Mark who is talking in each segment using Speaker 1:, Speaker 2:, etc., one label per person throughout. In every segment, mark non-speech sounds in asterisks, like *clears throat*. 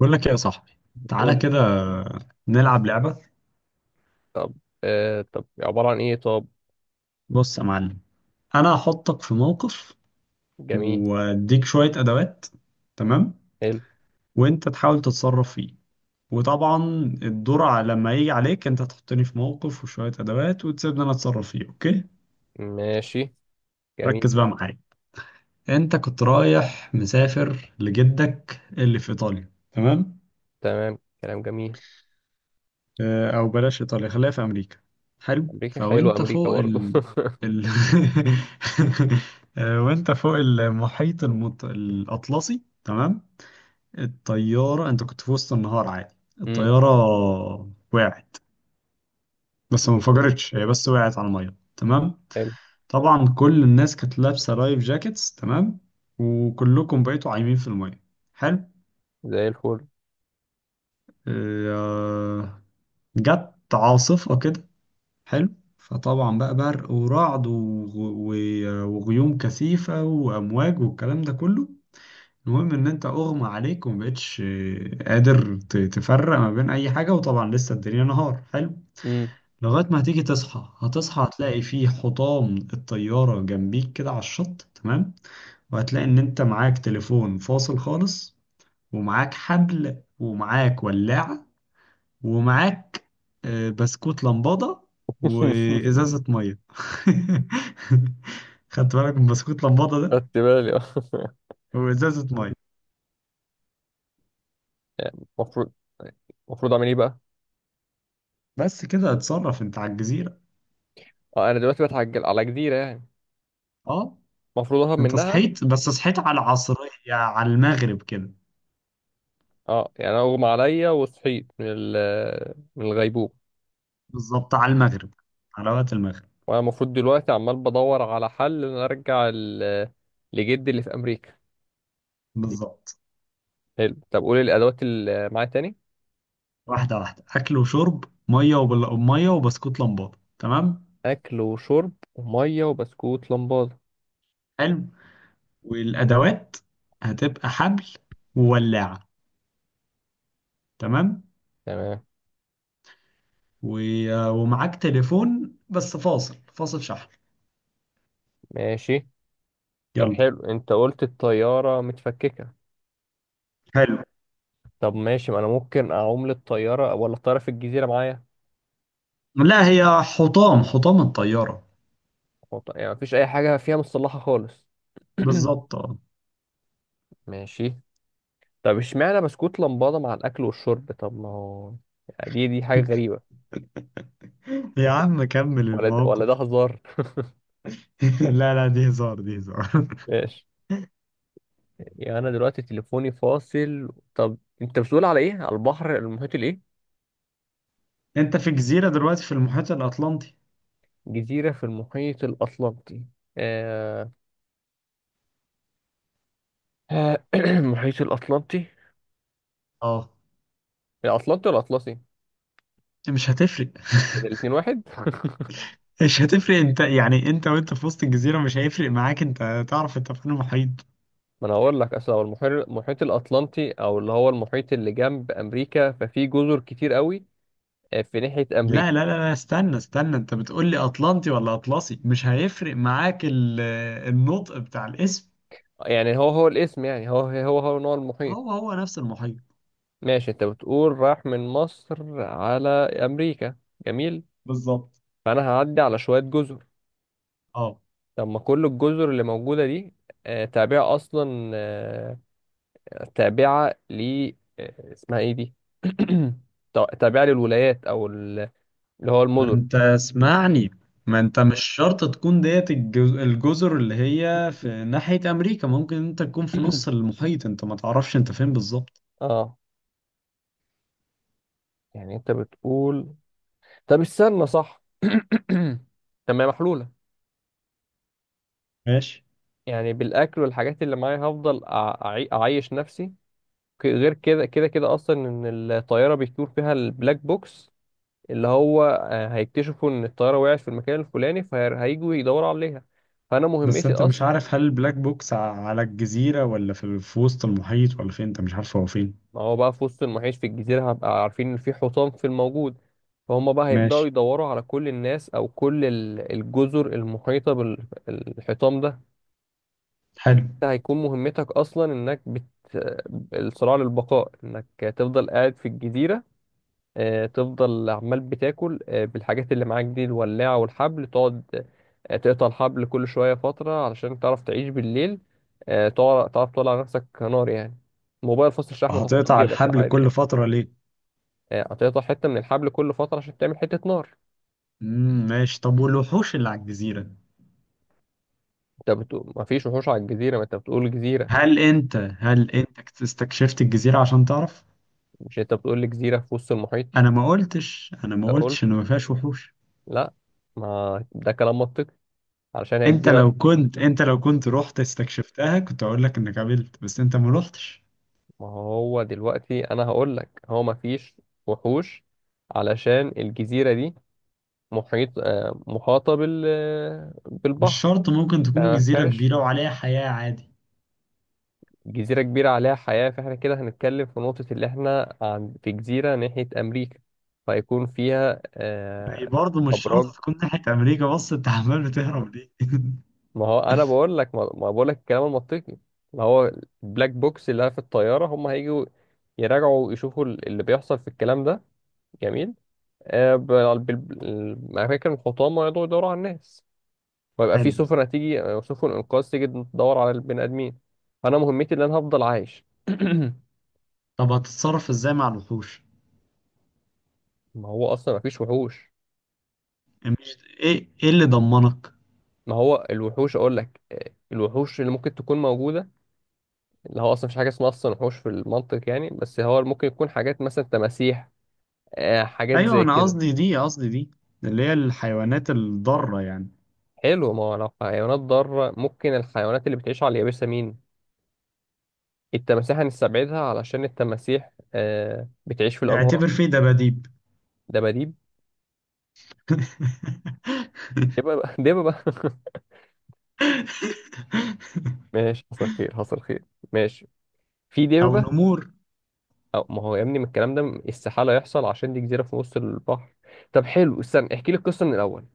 Speaker 1: بقول لك ايه يا صاحبي؟ تعالى
Speaker 2: قول.
Speaker 1: كده نلعب لعبة.
Speaker 2: طب آه طب عبارة عن ايه؟ طب
Speaker 1: بص يا معلم، انا هحطك في موقف
Speaker 2: جميل.
Speaker 1: واديك شوية ادوات، تمام؟
Speaker 2: حلو.
Speaker 1: وانت تحاول تتصرف فيه. وطبعا الدور لما يجي عليك انت تحطني في موقف وشوية ادوات وتسيبني انا اتصرف فيه. اوكي،
Speaker 2: ماشي جميل.
Speaker 1: ركز بقى معايا. انت كنت رايح مسافر لجدك اللي في ايطاليا، تمام؟
Speaker 2: تمام، كلام جميل.
Speaker 1: آه، او بلاش ايطاليا، خليها في امريكا. حلو،
Speaker 2: امريكا، حلو
Speaker 1: فوانت
Speaker 2: امريكا
Speaker 1: فوق
Speaker 2: برضه.
Speaker 1: ال *laughs* آه، وانت فوق المحيط الاطلسي، تمام. الطياره، انت كنت في وسط النهار عادي.
Speaker 2: *laughs* امم.
Speaker 1: الطياره وقعت، بس ما
Speaker 2: جميل.
Speaker 1: انفجرتش، هي بس وقعت على الميه، تمام.
Speaker 2: حلو.
Speaker 1: طبعا كل الناس كانت لابسه لايف جاكيتس، تمام، وكلكم بقيتوا عايمين في الميه. حلو.
Speaker 2: زي الفل.
Speaker 1: آه، جت عاصفه كده. حلو. فطبعا بقى برق ورعد وغيوم كثيفة وأمواج والكلام ده كله. المهم إن أنت أغمى عليك ومبقتش قادر تفرق ما بين أي حاجة، وطبعا لسه الدنيا نهار. حلو،
Speaker 2: امم.
Speaker 1: لغاية ما هتيجي تصحى، هتصحى هتلاقي فيه حطام الطيارة جنبيك كده على الشط، تمام. وهتلاقي إن أنت معاك تليفون فاصل خالص، ومعاك حبل، ومعاك ولاعة، ومعاك آه، بسكوت لمبادة
Speaker 2: *laughs*
Speaker 1: وإزازة مية. *laughs* خدت بالك من بسكوت لمبادة ده؟
Speaker 2: خدت بالي آه،.
Speaker 1: وإزازة مية.
Speaker 2: يعني المفروض، المفروض اعمل ايه بقى؟
Speaker 1: بس كده، اتصرف انت على الجزيرة.
Speaker 2: اه انا دلوقتي بتعجل على جزيرة يعني؟
Speaker 1: اه،
Speaker 2: المفروض اهرب
Speaker 1: انت
Speaker 2: منها؟
Speaker 1: صحيت، بس صحيت على العصرية، على المغرب كده.
Speaker 2: اه، يعني انا اغمى عليا وصحيت من الغيبوبة.
Speaker 1: بالظبط، على المغرب، على وقت المغرب.
Speaker 2: وانا المفروض دلوقتي عمال بدور على حل ان أنا ارجع لجدي اللي في امريكا.
Speaker 1: بالظبط.
Speaker 2: حلو، طب قول الادوات اللي معايا تاني.
Speaker 1: واحدة واحدة، أكل وشرب مية مية وبسكوت لمبادة، تمام.
Speaker 2: اكل وشرب وميه وبسكوت لمبادة،
Speaker 1: حلو، والأدوات هتبقى حبل وولاعة، تمام.
Speaker 2: تمام.
Speaker 1: ومعاك تليفون بس فاصل، فاصل شحن.
Speaker 2: ماشي. طب
Speaker 1: يلا،
Speaker 2: حلو، انت قلت الطياره متفككه.
Speaker 1: حلو.
Speaker 2: طب ماشي، ما انا ممكن اعوم للطياره، ولا الطياره في الجزيره معايا؟
Speaker 1: لا، هي حطام، حطام الطيارة.
Speaker 2: يعني مفيش اي حاجه فيها مصلحه خالص؟ *clears throat*
Speaker 1: بالظبط، اه.
Speaker 2: ماشي. طب اشمعنى بسكوت لمبادة مع الأكل والشرب؟ طب ما هو يعني دي حاجة غريبة.
Speaker 1: يا
Speaker 2: *laughs*
Speaker 1: عم كمل
Speaker 2: ولا ده ولا ده
Speaker 1: الموقف.
Speaker 2: هزار؟
Speaker 1: *laughs* لا لا، دي هزار، دي هزار.
Speaker 2: ماشي. يعني أنا دلوقتي تليفوني فاصل. طب أنت بتقول على إيه؟ على البحر المحيط الايه؟
Speaker 1: *laughs* انت في جزيرة دلوقتي في المحيط الأطلنطي.
Speaker 2: جزيرة في المحيط الأطلنطي. آه... *clears throat* المحيط الأطلنطي.
Speaker 1: اه.
Speaker 2: الأطلنطي ولا الأطلسي؟
Speaker 1: مش هتفرق.
Speaker 2: الاتنين واحد؟ *laughs*
Speaker 1: *laughs* مش هتفرق انت، يعني انت وانت في وسط الجزيرة مش هيفرق معاك، انت تعرف انت في المحيط.
Speaker 2: ما أنا هقول لك، أصل هو المحيط، المحيط الأطلنطي، أو اللي هو المحيط اللي جنب أمريكا، ففي جزر كتير قوي آه، في ناحية
Speaker 1: لا
Speaker 2: أمريكا.
Speaker 1: لا لا لا، استنى استنى، انت بتقول لي أطلنطي ولا أطلسي؟ مش هيفرق معاك النطق بتاع الاسم.
Speaker 2: يعني هو الاسم، يعني هو نوع المحيط.
Speaker 1: هو هو نفس المحيط.
Speaker 2: ماشي، أنت بتقول راح من مصر على أمريكا. جميل.
Speaker 1: بالظبط،
Speaker 2: فأنا هعدي على شوية جزر.
Speaker 1: اه.
Speaker 2: طب ما كل الجزر اللي موجودة دي آه، تابعة أصلا آه، تابعة ل آه، اسمها ايه دي؟ *clears throat* تابعة للولايات اللي هو
Speaker 1: ما
Speaker 2: المدن.
Speaker 1: انت اسمعني، ما انت مش شرط تكون ديت الجزر اللي هي في ناحية امريكا، ممكن انت تكون في نص
Speaker 2: *clears throat*
Speaker 1: المحيط، انت ما تعرفش انت فين بالظبط.
Speaker 2: اه، يعني انت بتقول، طب استنى صح. *clears throat* طب ما هي محلولة،
Speaker 1: ماشي.
Speaker 2: يعني بالاكل والحاجات اللي معايا هفضل اعيش نفسي. غير كده كده كده اصلا ان الطيارة بيطير فيها البلاك بوكس، اللي هو آه، هيكتشفوا ان الطيارة وقعت في المكان الفلاني، فهيجوا يدوروا عليها. فانا
Speaker 1: بس
Speaker 2: مهمتي،
Speaker 1: انت مش عارف هل البلاك بوكس على الجزيرة ولا في في وسط المحيط ولا فين، انت مش عارف هو فين.
Speaker 2: ما هو بقى في وسط المعيش في الجزيرة هبقى عارفين إن في حصان في الموجود، فهم بقى هيبدأوا
Speaker 1: ماشي.
Speaker 2: يدوروا على كل الناس أو كل الجزر المحيطة بالحيطان ده.
Speaker 1: حلو.
Speaker 2: ده هيكون مهمتك أصلا، إنك بت... الصراع للبقاء، إنك تفضل قاعد في الجزيرة آه، تفضل عمال بتاكل آه، بالحاجات اللي معاك دي، الولاعة والحبل، تقعد آه، تقطع الحبل كل شوية فترة علشان تعرف تعيش بالليل آه، تعرف تولع نفسك نار يعني. موبايل فصل الشحن تحطه في
Speaker 1: هتقطع
Speaker 2: جيبك
Speaker 1: الحبل
Speaker 2: عادي
Speaker 1: كل
Speaker 2: يعني.
Speaker 1: فترة ليه؟
Speaker 2: آه، هتقطع حتة من الحبل كل فترة عشان تعمل حتة نار.
Speaker 1: ماشي. طب والوحوش اللي على الجزيرة؟
Speaker 2: انت بتقول مفيش وحوش على الجزيرة، ما انت بتقول جزيرة.
Speaker 1: هل انت هل انت استكشفت الجزيرة عشان تعرف؟
Speaker 2: مش انت بتقول لي جزيرة في وسط المحيط؟
Speaker 1: انا ما قلتش، انا
Speaker 2: انت
Speaker 1: ما
Speaker 2: قلت.
Speaker 1: قلتش ان ما فيهاش وحوش.
Speaker 2: لا، ما ده كلام منطقي، علشان هي
Speaker 1: انت لو
Speaker 2: جزيرة.
Speaker 1: كنت، انت لو كنت رحت استكشفتها كنت اقول لك انك قابلت، بس انت ما رحتش.
Speaker 2: ما هو دلوقتي انا هقول لك هو مفيش وحوش، علشان الجزيرة دي محيط آه، محاطة بال آه،
Speaker 1: مش
Speaker 2: بالبحر،
Speaker 1: شرط، ممكن تكون
Speaker 2: فما
Speaker 1: جزيرة
Speaker 2: فيهاش.
Speaker 1: كبيرة وعليها حياة عادي.
Speaker 2: جزيرة كبيرة عليها حياة، فاحنا كده هنتكلم في نقطة اللي احنا عن في جزيرة ناحية أمريكا، فيكون فيها
Speaker 1: يعني
Speaker 2: آه
Speaker 1: برضه مش شرط
Speaker 2: أبراج.
Speaker 1: تكون ناحية امريكا، بس انت *laughs* عمال بتهرب ليه؟ *laughs*
Speaker 2: ما هو أنا بقول لك، ما بقول لك الكلام المنطقي. ما هو البلاك بوكس اللي في الطيارة، هم هيجوا يراجعوا يشوفوا اللي بيحصل في الكلام ده. جميل آه، الأماكن، الحطام، ويقعدوا يدوروا على الناس، ويبقى في
Speaker 1: حلو.
Speaker 2: سفن هتيجي آه، سفن إنقاذ تيجي تدور على البني آدمين. فأنا مهمتي إن أنا هفضل عايش. *clears throat*
Speaker 1: طب هتتصرف ازاي مع الوحوش؟
Speaker 2: ما هو أصلا مفيش وحوش.
Speaker 1: مش ايه، ايه اللي ضمنك؟
Speaker 2: ما هو الوحوش، اقول لك آه، الوحوش اللي ممكن تكون موجوده، اللي هو اصلا مفيش حاجه اسمها اصلا وحوش في المنطق يعني، بس هو ممكن يكون حاجات مثلا تماسيح آه، حاجات
Speaker 1: ايوه،
Speaker 2: زي
Speaker 1: انا
Speaker 2: كده.
Speaker 1: قصدي دي، قصدي دي اللي هي الحيوانات الضارة يعني.
Speaker 2: حلو، ما هو لو حيوانات ضاره، ممكن الحيوانات اللي بتعيش على اليابسه مين؟ التماسيح هنستبعدها علشان التماسيح آه، بتعيش في الانهار.
Speaker 1: اعتبر فيه دباديب.
Speaker 2: دباديب؟ دببة. *laughs* دببة. *laughs*
Speaker 1: *laughs*
Speaker 2: ماشي، حصل خير، حصل خير. ماشي، في
Speaker 1: او
Speaker 2: دببة.
Speaker 1: نمور.
Speaker 2: أو ما هو يا ابني من الكلام ده استحالة يحصل، عشان دي جزيرة في نص البحر. طب حلو، استنى احكي لي القصة من الأول.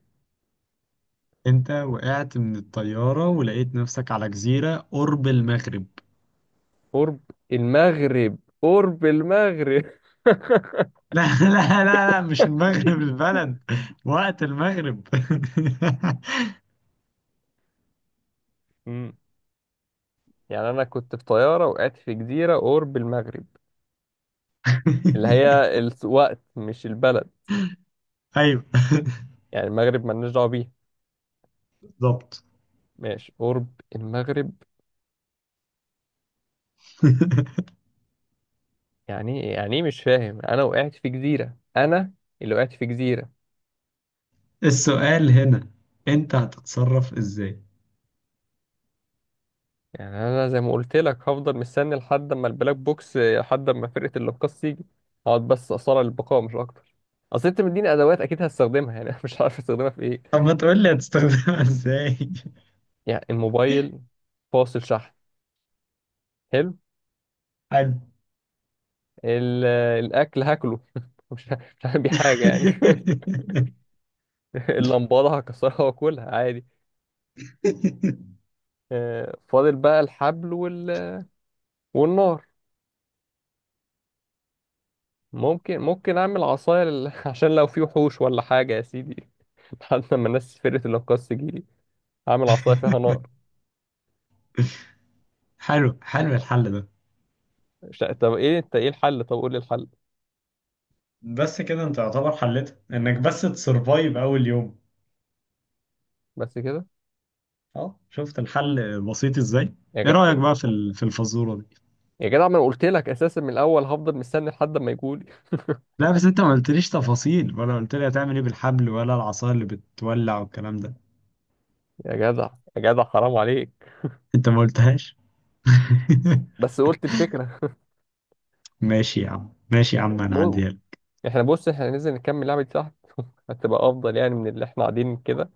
Speaker 1: انت وقعت من الطيارة ولقيت نفسك على جزيرة قرب المغرب.
Speaker 2: قرب المغرب؟ قرب المغرب؟ *laughs*
Speaker 1: *laughs* لا لا لا لا، مش المغرب البلد، وقت المغرب. *laughs*
Speaker 2: مم. يعني انا كنت في طياره وقعت في جزيره قرب المغرب، اللي هي الوقت مش البلد.
Speaker 1: ايوه،
Speaker 2: يعني المغرب مالناش دعوه بيها.
Speaker 1: بالظبط.
Speaker 2: ماشي، قرب المغرب.
Speaker 1: *laughs*
Speaker 2: يعني إيه؟ يعني ايه، مش فاهم؟ انا وقعت في جزيره، انا اللي وقعت في جزيره.
Speaker 1: السؤال هنا، انت هتتصرف ازاي؟
Speaker 2: يعني انا زي ما قلت لك، هفضل مستني لحد اما البلاك بوكس، لحد اما فرقه الانقاذ تيجي. اقعد بس اصارع البقاء، مش اكتر. اصل انت مديني ادوات اكيد هستخدمها يعني. *laughs* أنا مش عارف استخدمها في ايه.
Speaker 1: طب ما تقول لي هتستخدمها ازاي.
Speaker 2: يعني الموبايل فاصل شحن، حلو.
Speaker 1: *laughs* حلو.
Speaker 2: ال- الاكل هاكله. *laughs* مش هعمل بيه حاجه يعني. *laughs* اللمبادة هكسرها واكلها عادي.
Speaker 1: *laughs*
Speaker 2: آه، فاضل بقى الحبل وال... والنار. ممكن اعمل عصاية لل... *laughs* عشان لو في وحوش ولا حاجة يا سيدي، *laughs* لحد ما الناس فرقة الانقاذ تجيلي اعمل عصاية فيها نار.
Speaker 1: حلو، حلو الحل ده.
Speaker 2: مش... طب ايه؟ انت ايه الحل؟ طب قول لي الحل.
Speaker 1: بس كده، انت يعتبر حلتها انك بس تسرفايف اول يوم.
Speaker 2: بس كده؟
Speaker 1: اه، شفت الحل بسيط ازاي؟
Speaker 2: يا
Speaker 1: ايه
Speaker 2: جدع،
Speaker 1: رأيك بقى في في الفزورة دي؟
Speaker 2: يا جدع، ما انا قلت لك اساسا من الاول هفضل مستني لحد ما يجولي.
Speaker 1: لا بس انت ما قلتليش تفاصيل، ولا قلت لي هتعمل ايه بالحبل، ولا العصا اللي بتولع والكلام ده.
Speaker 2: يا جدع، يا جدع، حرام عليك.
Speaker 1: انت ما قلتهاش. *laughs*
Speaker 2: بس قلت الفكرة.
Speaker 1: ماشي يا عم، ماشي يا عم، انا
Speaker 2: مو...
Speaker 1: هعديها لك.
Speaker 2: احنا بص، احنا ننزل نكمل لعبة دي تحت. *laughs* هتبقى افضل يعني من اللي احنا قاعدين كده.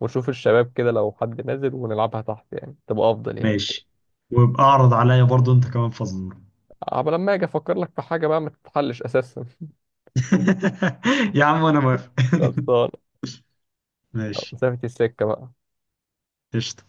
Speaker 2: ونشوف الشباب كده لو حد نازل ونلعبها تحت، يعني تبقى افضل يعني.
Speaker 1: ماشي، وابقى اعرض عليا برضو انت كمان فزورة.
Speaker 2: عبال لما اجي افكر لك في حاجة بقى ما تتحلش اساسا.
Speaker 1: *laughs* يا عم انا موافق.
Speaker 2: *laughs* خلصان.
Speaker 1: *laughs*
Speaker 2: يلا،
Speaker 1: ماشي،
Speaker 2: مسافة السكة بقى.
Speaker 1: قشطة.